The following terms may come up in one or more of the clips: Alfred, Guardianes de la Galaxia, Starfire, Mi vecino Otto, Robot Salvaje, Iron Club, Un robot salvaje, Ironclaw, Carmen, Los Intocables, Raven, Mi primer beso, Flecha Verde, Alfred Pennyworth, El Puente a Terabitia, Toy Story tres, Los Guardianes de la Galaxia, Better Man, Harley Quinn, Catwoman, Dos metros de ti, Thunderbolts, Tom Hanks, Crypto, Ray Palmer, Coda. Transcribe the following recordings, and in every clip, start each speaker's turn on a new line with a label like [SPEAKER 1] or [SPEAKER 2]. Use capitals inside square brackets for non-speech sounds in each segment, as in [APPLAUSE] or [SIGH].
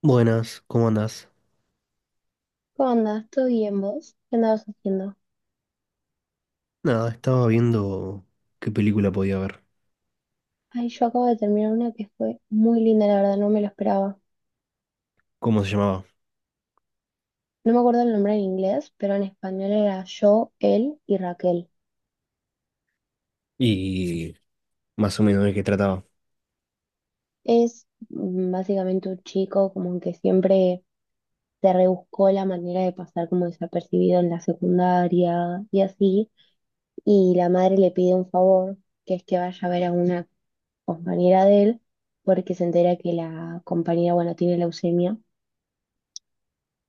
[SPEAKER 1] Buenas, ¿cómo andás?
[SPEAKER 2] ¿Cómo andas? ¿Todo bien vos? ¿Qué andabas haciendo?
[SPEAKER 1] Nada, estaba viendo qué película podía ver,
[SPEAKER 2] Ay, yo acabo de terminar una que fue muy linda, la verdad, no me lo esperaba.
[SPEAKER 1] cómo se llamaba
[SPEAKER 2] No me acuerdo el nombre en inglés, pero en español era Yo, él y Raquel.
[SPEAKER 1] y más o menos de qué trataba. [CLEARS THROAT]
[SPEAKER 2] Es básicamente un chico como que siempre se rebuscó la manera de pasar como desapercibido en la secundaria y así. Y la madre le pide un favor, que es que vaya a ver a una compañera de él, porque se entera que la compañera, bueno, tiene leucemia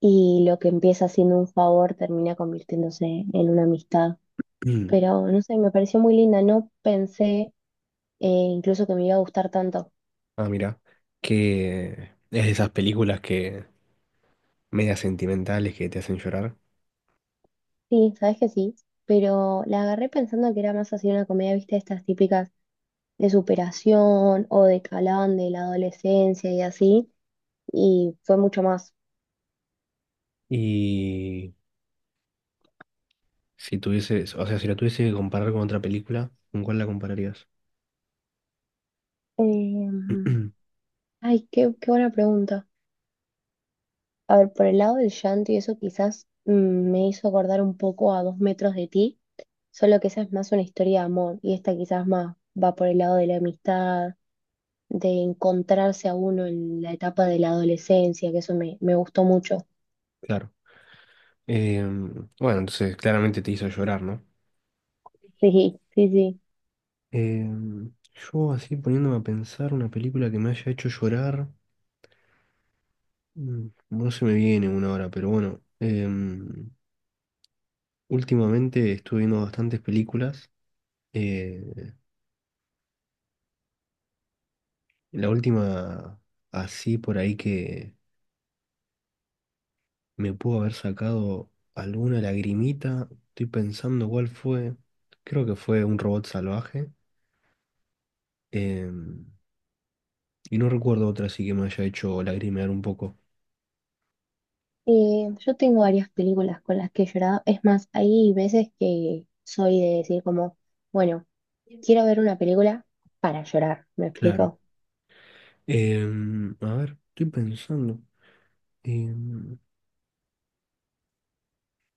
[SPEAKER 2] y lo que empieza siendo un favor termina convirtiéndose en una amistad.
[SPEAKER 1] Mm.
[SPEAKER 2] Pero no sé, me pareció muy linda, no pensé eh, incluso que me iba a gustar tanto.
[SPEAKER 1] Ah, mira, que es de esas películas que medias sentimentales que te hacen llorar.
[SPEAKER 2] Sí, sabes que sí, pero la agarré pensando que era más así una comedia, viste, estas típicas de superación o de calán de la adolescencia y así, y fue mucho más.
[SPEAKER 1] Y si tuvieses, o sea, si la tuviese que comparar con otra película, ¿con cuál la compararías?
[SPEAKER 2] Em,
[SPEAKER 1] [CLEARS THROAT]
[SPEAKER 2] ay, qué buena pregunta. A ver, por el lado del llanto y eso quizás me hizo acordar un poco a Dos metros de ti, solo que esa es más una historia de amor y esta quizás más va por el lado de la amistad, de encontrarse a uno en la etapa de la adolescencia, que eso me gustó mucho.
[SPEAKER 1] Claro. Bueno, entonces claramente te hizo llorar, ¿no?
[SPEAKER 2] Sí, sí, sí.
[SPEAKER 1] Yo así poniéndome a pensar una película que me haya hecho llorar. No se me viene una hora, pero bueno. Últimamente estuve viendo bastantes películas. eh, la última, así por ahí que me pudo haber sacado alguna lagrimita. Estoy pensando cuál fue. Creo que fue Un robot salvaje. em, y no recuerdo otra así que me haya hecho lagrimear un poco.
[SPEAKER 2] Y yo tengo varias películas con las que he llorado. Es más, hay veces que soy de decir como, bueno, quiero ver una película para llorar, ¿me
[SPEAKER 1] Claro.
[SPEAKER 2] explico?
[SPEAKER 1] A ver, estoy pensando. em,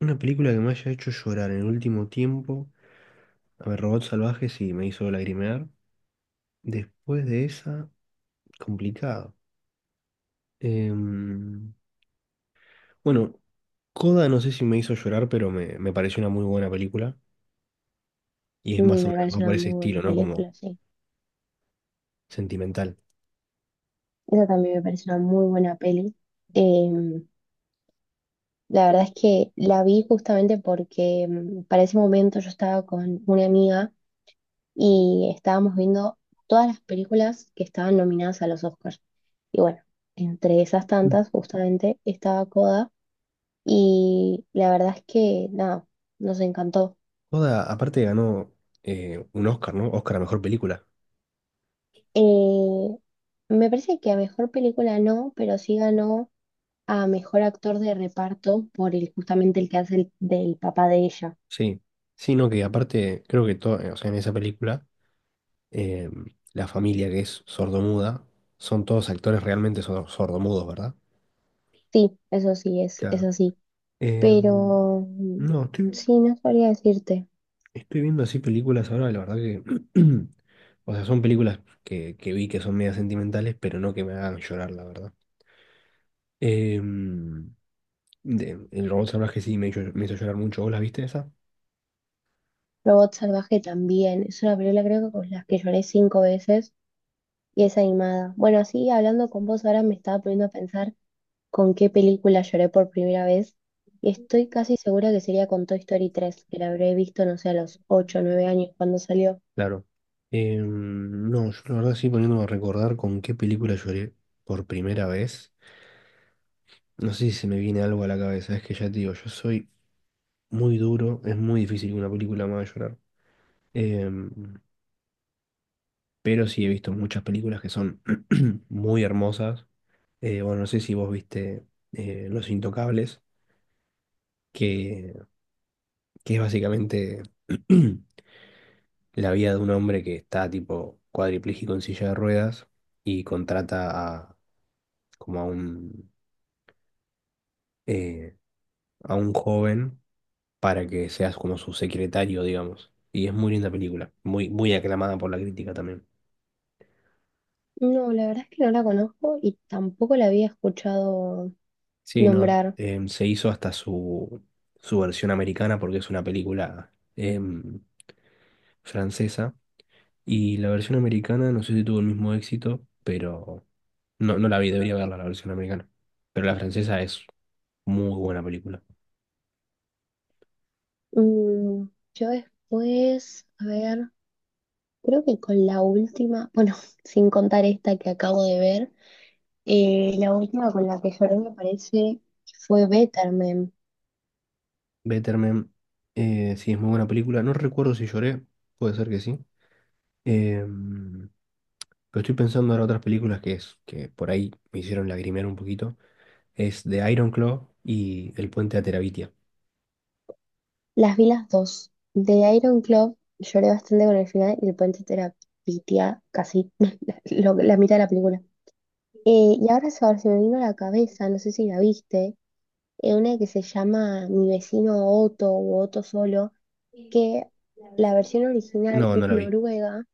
[SPEAKER 1] Una película que me haya hecho llorar en el último tiempo. A ver, Robot Salvaje sí me hizo lagrimear. Después de esa, complicado. Em, bueno, Coda no sé si me hizo llorar, pero me pareció una muy buena película. Y es
[SPEAKER 2] Mm.
[SPEAKER 1] más o
[SPEAKER 2] Me
[SPEAKER 1] menos va
[SPEAKER 2] parece
[SPEAKER 1] por
[SPEAKER 2] una
[SPEAKER 1] ese
[SPEAKER 2] muy buena
[SPEAKER 1] estilo, ¿no? Como
[SPEAKER 2] película, sí.
[SPEAKER 1] sentimental.
[SPEAKER 2] Esa también me parece una muy buena peli. Eh, la verdad es que la vi justamente porque para ese momento yo estaba con una amiga y estábamos viendo todas las películas que estaban nominadas a los Oscars. Y bueno, entre esas
[SPEAKER 1] Mm.
[SPEAKER 2] tantas justamente estaba Coda y la verdad es que nada, nos encantó.
[SPEAKER 1] Coda, aparte, ganó un Oscar, ¿no? Oscar a mejor película.
[SPEAKER 2] Eh, me parece que a mejor película no, pero sí ganó a mejor actor de reparto por justamente el que hace del papá de ella.
[SPEAKER 1] Sí. Sí, no, que aparte, creo que todo, o sea, en esa película. eh, la familia que es sordomuda, son todos actores realmente sordomudos, ¿verdad?
[SPEAKER 2] Sí, eso sí, es
[SPEAKER 1] Claro.
[SPEAKER 2] así.
[SPEAKER 1] Eh,
[SPEAKER 2] Pero
[SPEAKER 1] no, estoy,
[SPEAKER 2] sí, no sabría decirte.
[SPEAKER 1] estoy viendo así películas ahora, la verdad que, [CLEARS THROAT] o sea, son películas que vi que son medio sentimentales, pero no que me hagan llorar, la verdad. Eh, el robot salvaje sí me hizo llorar mucho, ¿vos la viste esa?
[SPEAKER 2] Robot Salvaje también. Es una película creo que con las que lloré cinco veces y es animada. Bueno, así hablando con vos ahora me estaba poniendo a pensar con qué película lloré por primera vez. Y estoy casi segura que sería con Toy Story tres que la habré visto, no sé, a los 8 o 9 años cuando salió.
[SPEAKER 1] Claro. No, yo la verdad sí poniéndome a recordar con qué película lloré por primera vez. No sé si se me viene algo a la cabeza, es que ya te digo, yo soy muy duro, es muy difícil que una película me haga llorar. Em, pero sí he visto muchas películas que son [CLEARS THROAT] muy hermosas. Bueno, no sé si vos viste Los Intocables, que, que es básicamente [CLEARS THROAT] la vida de un hombre que está tipo cuadripléjico en silla de ruedas y contrata a como eh, a un joven para que seas como su secretario, digamos. Y es muy linda película, muy, muy aclamada por la crítica también.
[SPEAKER 2] No, la verdad es que no la conozco y tampoco la había escuchado
[SPEAKER 1] Sí, no,
[SPEAKER 2] nombrar.
[SPEAKER 1] se hizo hasta su versión americana porque es una película francesa. Y la versión americana, no sé si tuvo el mismo éxito, pero no, no la vi, debería verla la versión americana. Pero la francesa es muy buena película.
[SPEAKER 2] Mm, yo después, a ver. Creo que con la última, bueno, [LAUGHS] sin contar esta que acabo de ver, la última con la que lloré me parece fue Better Man.
[SPEAKER 1] Better Man, sí, es muy buena película. No recuerdo si lloré, puede ser que sí. Eh, Pero estoy pensando en otras películas que, es, que por ahí me hicieron lagrimear un poquito. Es de Ironclaw y El Puente a Terabitia.
[SPEAKER 2] Las vi las dos. De Iron Club lloré bastante con el final y el puente te la pitea casi [LAUGHS] la mitad de la película. Y ahora se me vino a la cabeza, no sé si la viste, una que se llama Mi vecino Otto o Otto solo, que la versión original
[SPEAKER 1] No, no
[SPEAKER 2] es
[SPEAKER 1] la vi.
[SPEAKER 2] noruega,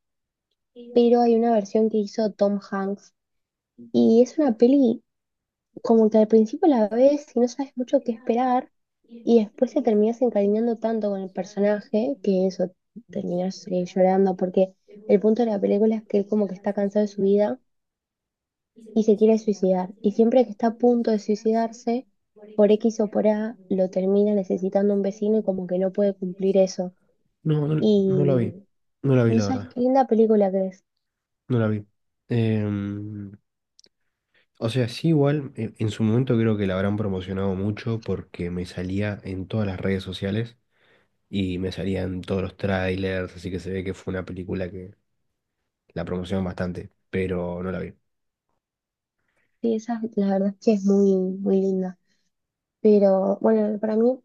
[SPEAKER 2] pero hay una versión que hizo Tom Hanks. Y es una peli como que al principio la ves y no sabes mucho qué esperar, y después te terminas encariñando tanto con el personaje que eso, terminas llorando, porque el punto de la película es que él como que está cansado de su vida y se quiere suicidar. Y siempre que está a punto de suicidarse, por X o por A, lo termina necesitando un vecino y como que no puede cumplir eso.
[SPEAKER 1] No, no, no la
[SPEAKER 2] Y
[SPEAKER 1] vi. No la vi,
[SPEAKER 2] no
[SPEAKER 1] la
[SPEAKER 2] sabes
[SPEAKER 1] verdad.
[SPEAKER 2] qué linda película que es.
[SPEAKER 1] No la vi. Em, o sea, sí, igual, en su momento creo que la habrán promocionado mucho porque me salía en todas las redes sociales y me salían todos los trailers, así que se ve que fue una película que la promocionaron bastante, pero no la vi.
[SPEAKER 2] Sí, esa la verdad es que es muy, muy linda. Pero bueno, para mí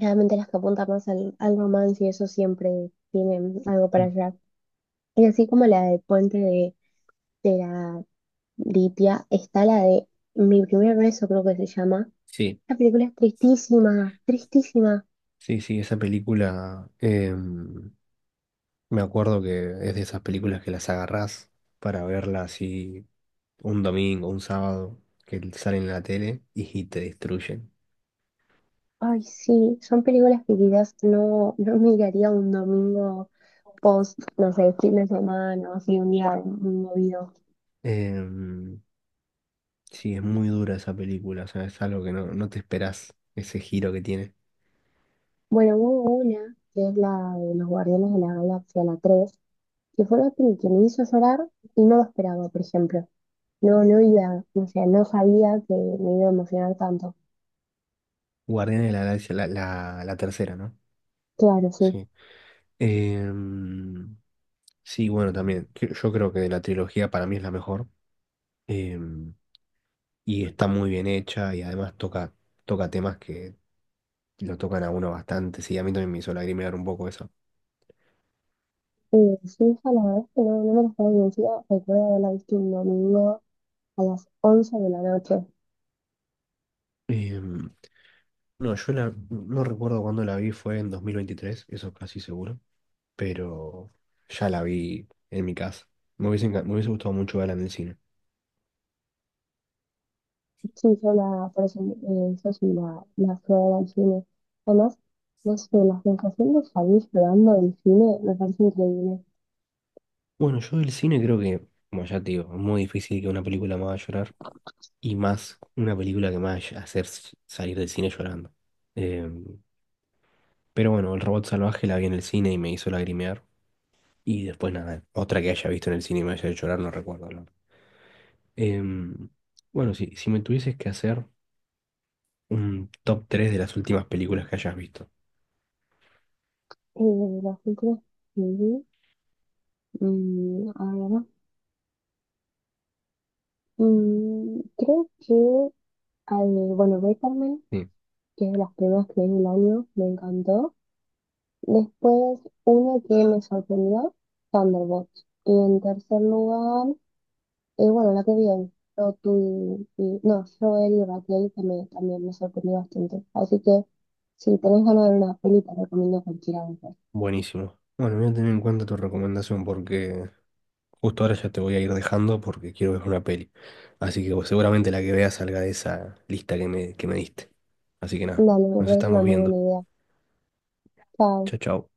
[SPEAKER 2] realmente las que apuntan más al romance y eso siempre tienen algo para allá. Y así como la del puente de la Lipia, está la de Mi primer beso, creo que se llama.
[SPEAKER 1] Sí,
[SPEAKER 2] La película es tristísima, tristísima.
[SPEAKER 1] sí, sí, esa película. Me acuerdo que es de esas películas que las agarrás para verlas así un domingo, un sábado, que salen en la tele y te destruyen.
[SPEAKER 2] Ay, sí, son películas que quizás no miraría un domingo post, no sé, fin de semana, o así un día muy movido.
[SPEAKER 1] Em, sí, es muy dura esa película, o sea, es algo que no, no te esperás, ese giro que tiene.
[SPEAKER 2] Bueno, hubo una, que es la de Los Guardianes de la Galaxia, la 3, que fue la peli que me hizo llorar y no lo esperaba, por ejemplo. No, no iba, o sea, no sabía que me iba a emocionar tanto.
[SPEAKER 1] Guardianes de la Galaxia, la tercera, ¿no?
[SPEAKER 2] Claro, sí.
[SPEAKER 1] Sí. Em, sí, bueno, también. Yo creo que de la trilogía para mí es la mejor. em, y está muy bien hecha y además toca, toca temas que lo tocan a uno bastante. Sí, a mí también me hizo lagrimear un poco eso.
[SPEAKER 2] Sí, hija, la verdad es que no, no me lo estaba convencida. Recuerdo haberla visto un domingo a las once de la noche.
[SPEAKER 1] Em, no, no recuerdo cuándo la vi, fue en 2023, eso casi seguro, pero ya la vi en mi casa. Me hubiese gustado mucho verla en el cine.
[SPEAKER 2] Sí, por eso, la fui a ver al cine. Además, no sé, la sensación de salir llorando del cine me parece increíble.
[SPEAKER 1] Bueno, yo del cine creo que, como ya te digo, es muy difícil que una película me haga llorar y más una película que me vaya a hacer salir del cine llorando. Em, pero bueno, El Robot Salvaje la vi en el cine y me hizo lagrimear. Y después nada, otra que haya visto en el cine y me haya hecho llorar, no recuerdo. Em, bueno, si me tuvieses que hacer un top 3 de las últimas películas que hayas visto.
[SPEAKER 2] De las películas que vi, ahora, creo que, al- bueno, Carmen,
[SPEAKER 1] Sí,
[SPEAKER 2] que es de las primeras que vi en el año, me encantó. Después, uno que me sorprendió, Thunderbolts. Y en tercer lugar, bueno, la que bien, yo tú y- no, Joel y Raquel que también me sorprendió bastante. Así que si tenés ganas de ver una peli, te recomiendo cualquiera de esas.
[SPEAKER 1] buenísimo. Bueno, voy a tener en cuenta tu recomendación porque justo ahora ya te voy a ir dejando porque quiero ver una peli. Así que bueno, seguramente la que veas salga de esa lista que me diste. Así que nada,
[SPEAKER 2] Dale, me
[SPEAKER 1] nos
[SPEAKER 2] parece una
[SPEAKER 1] estamos
[SPEAKER 2] muy
[SPEAKER 1] viendo.
[SPEAKER 2] buena idea. Chao.
[SPEAKER 1] Chao, chao.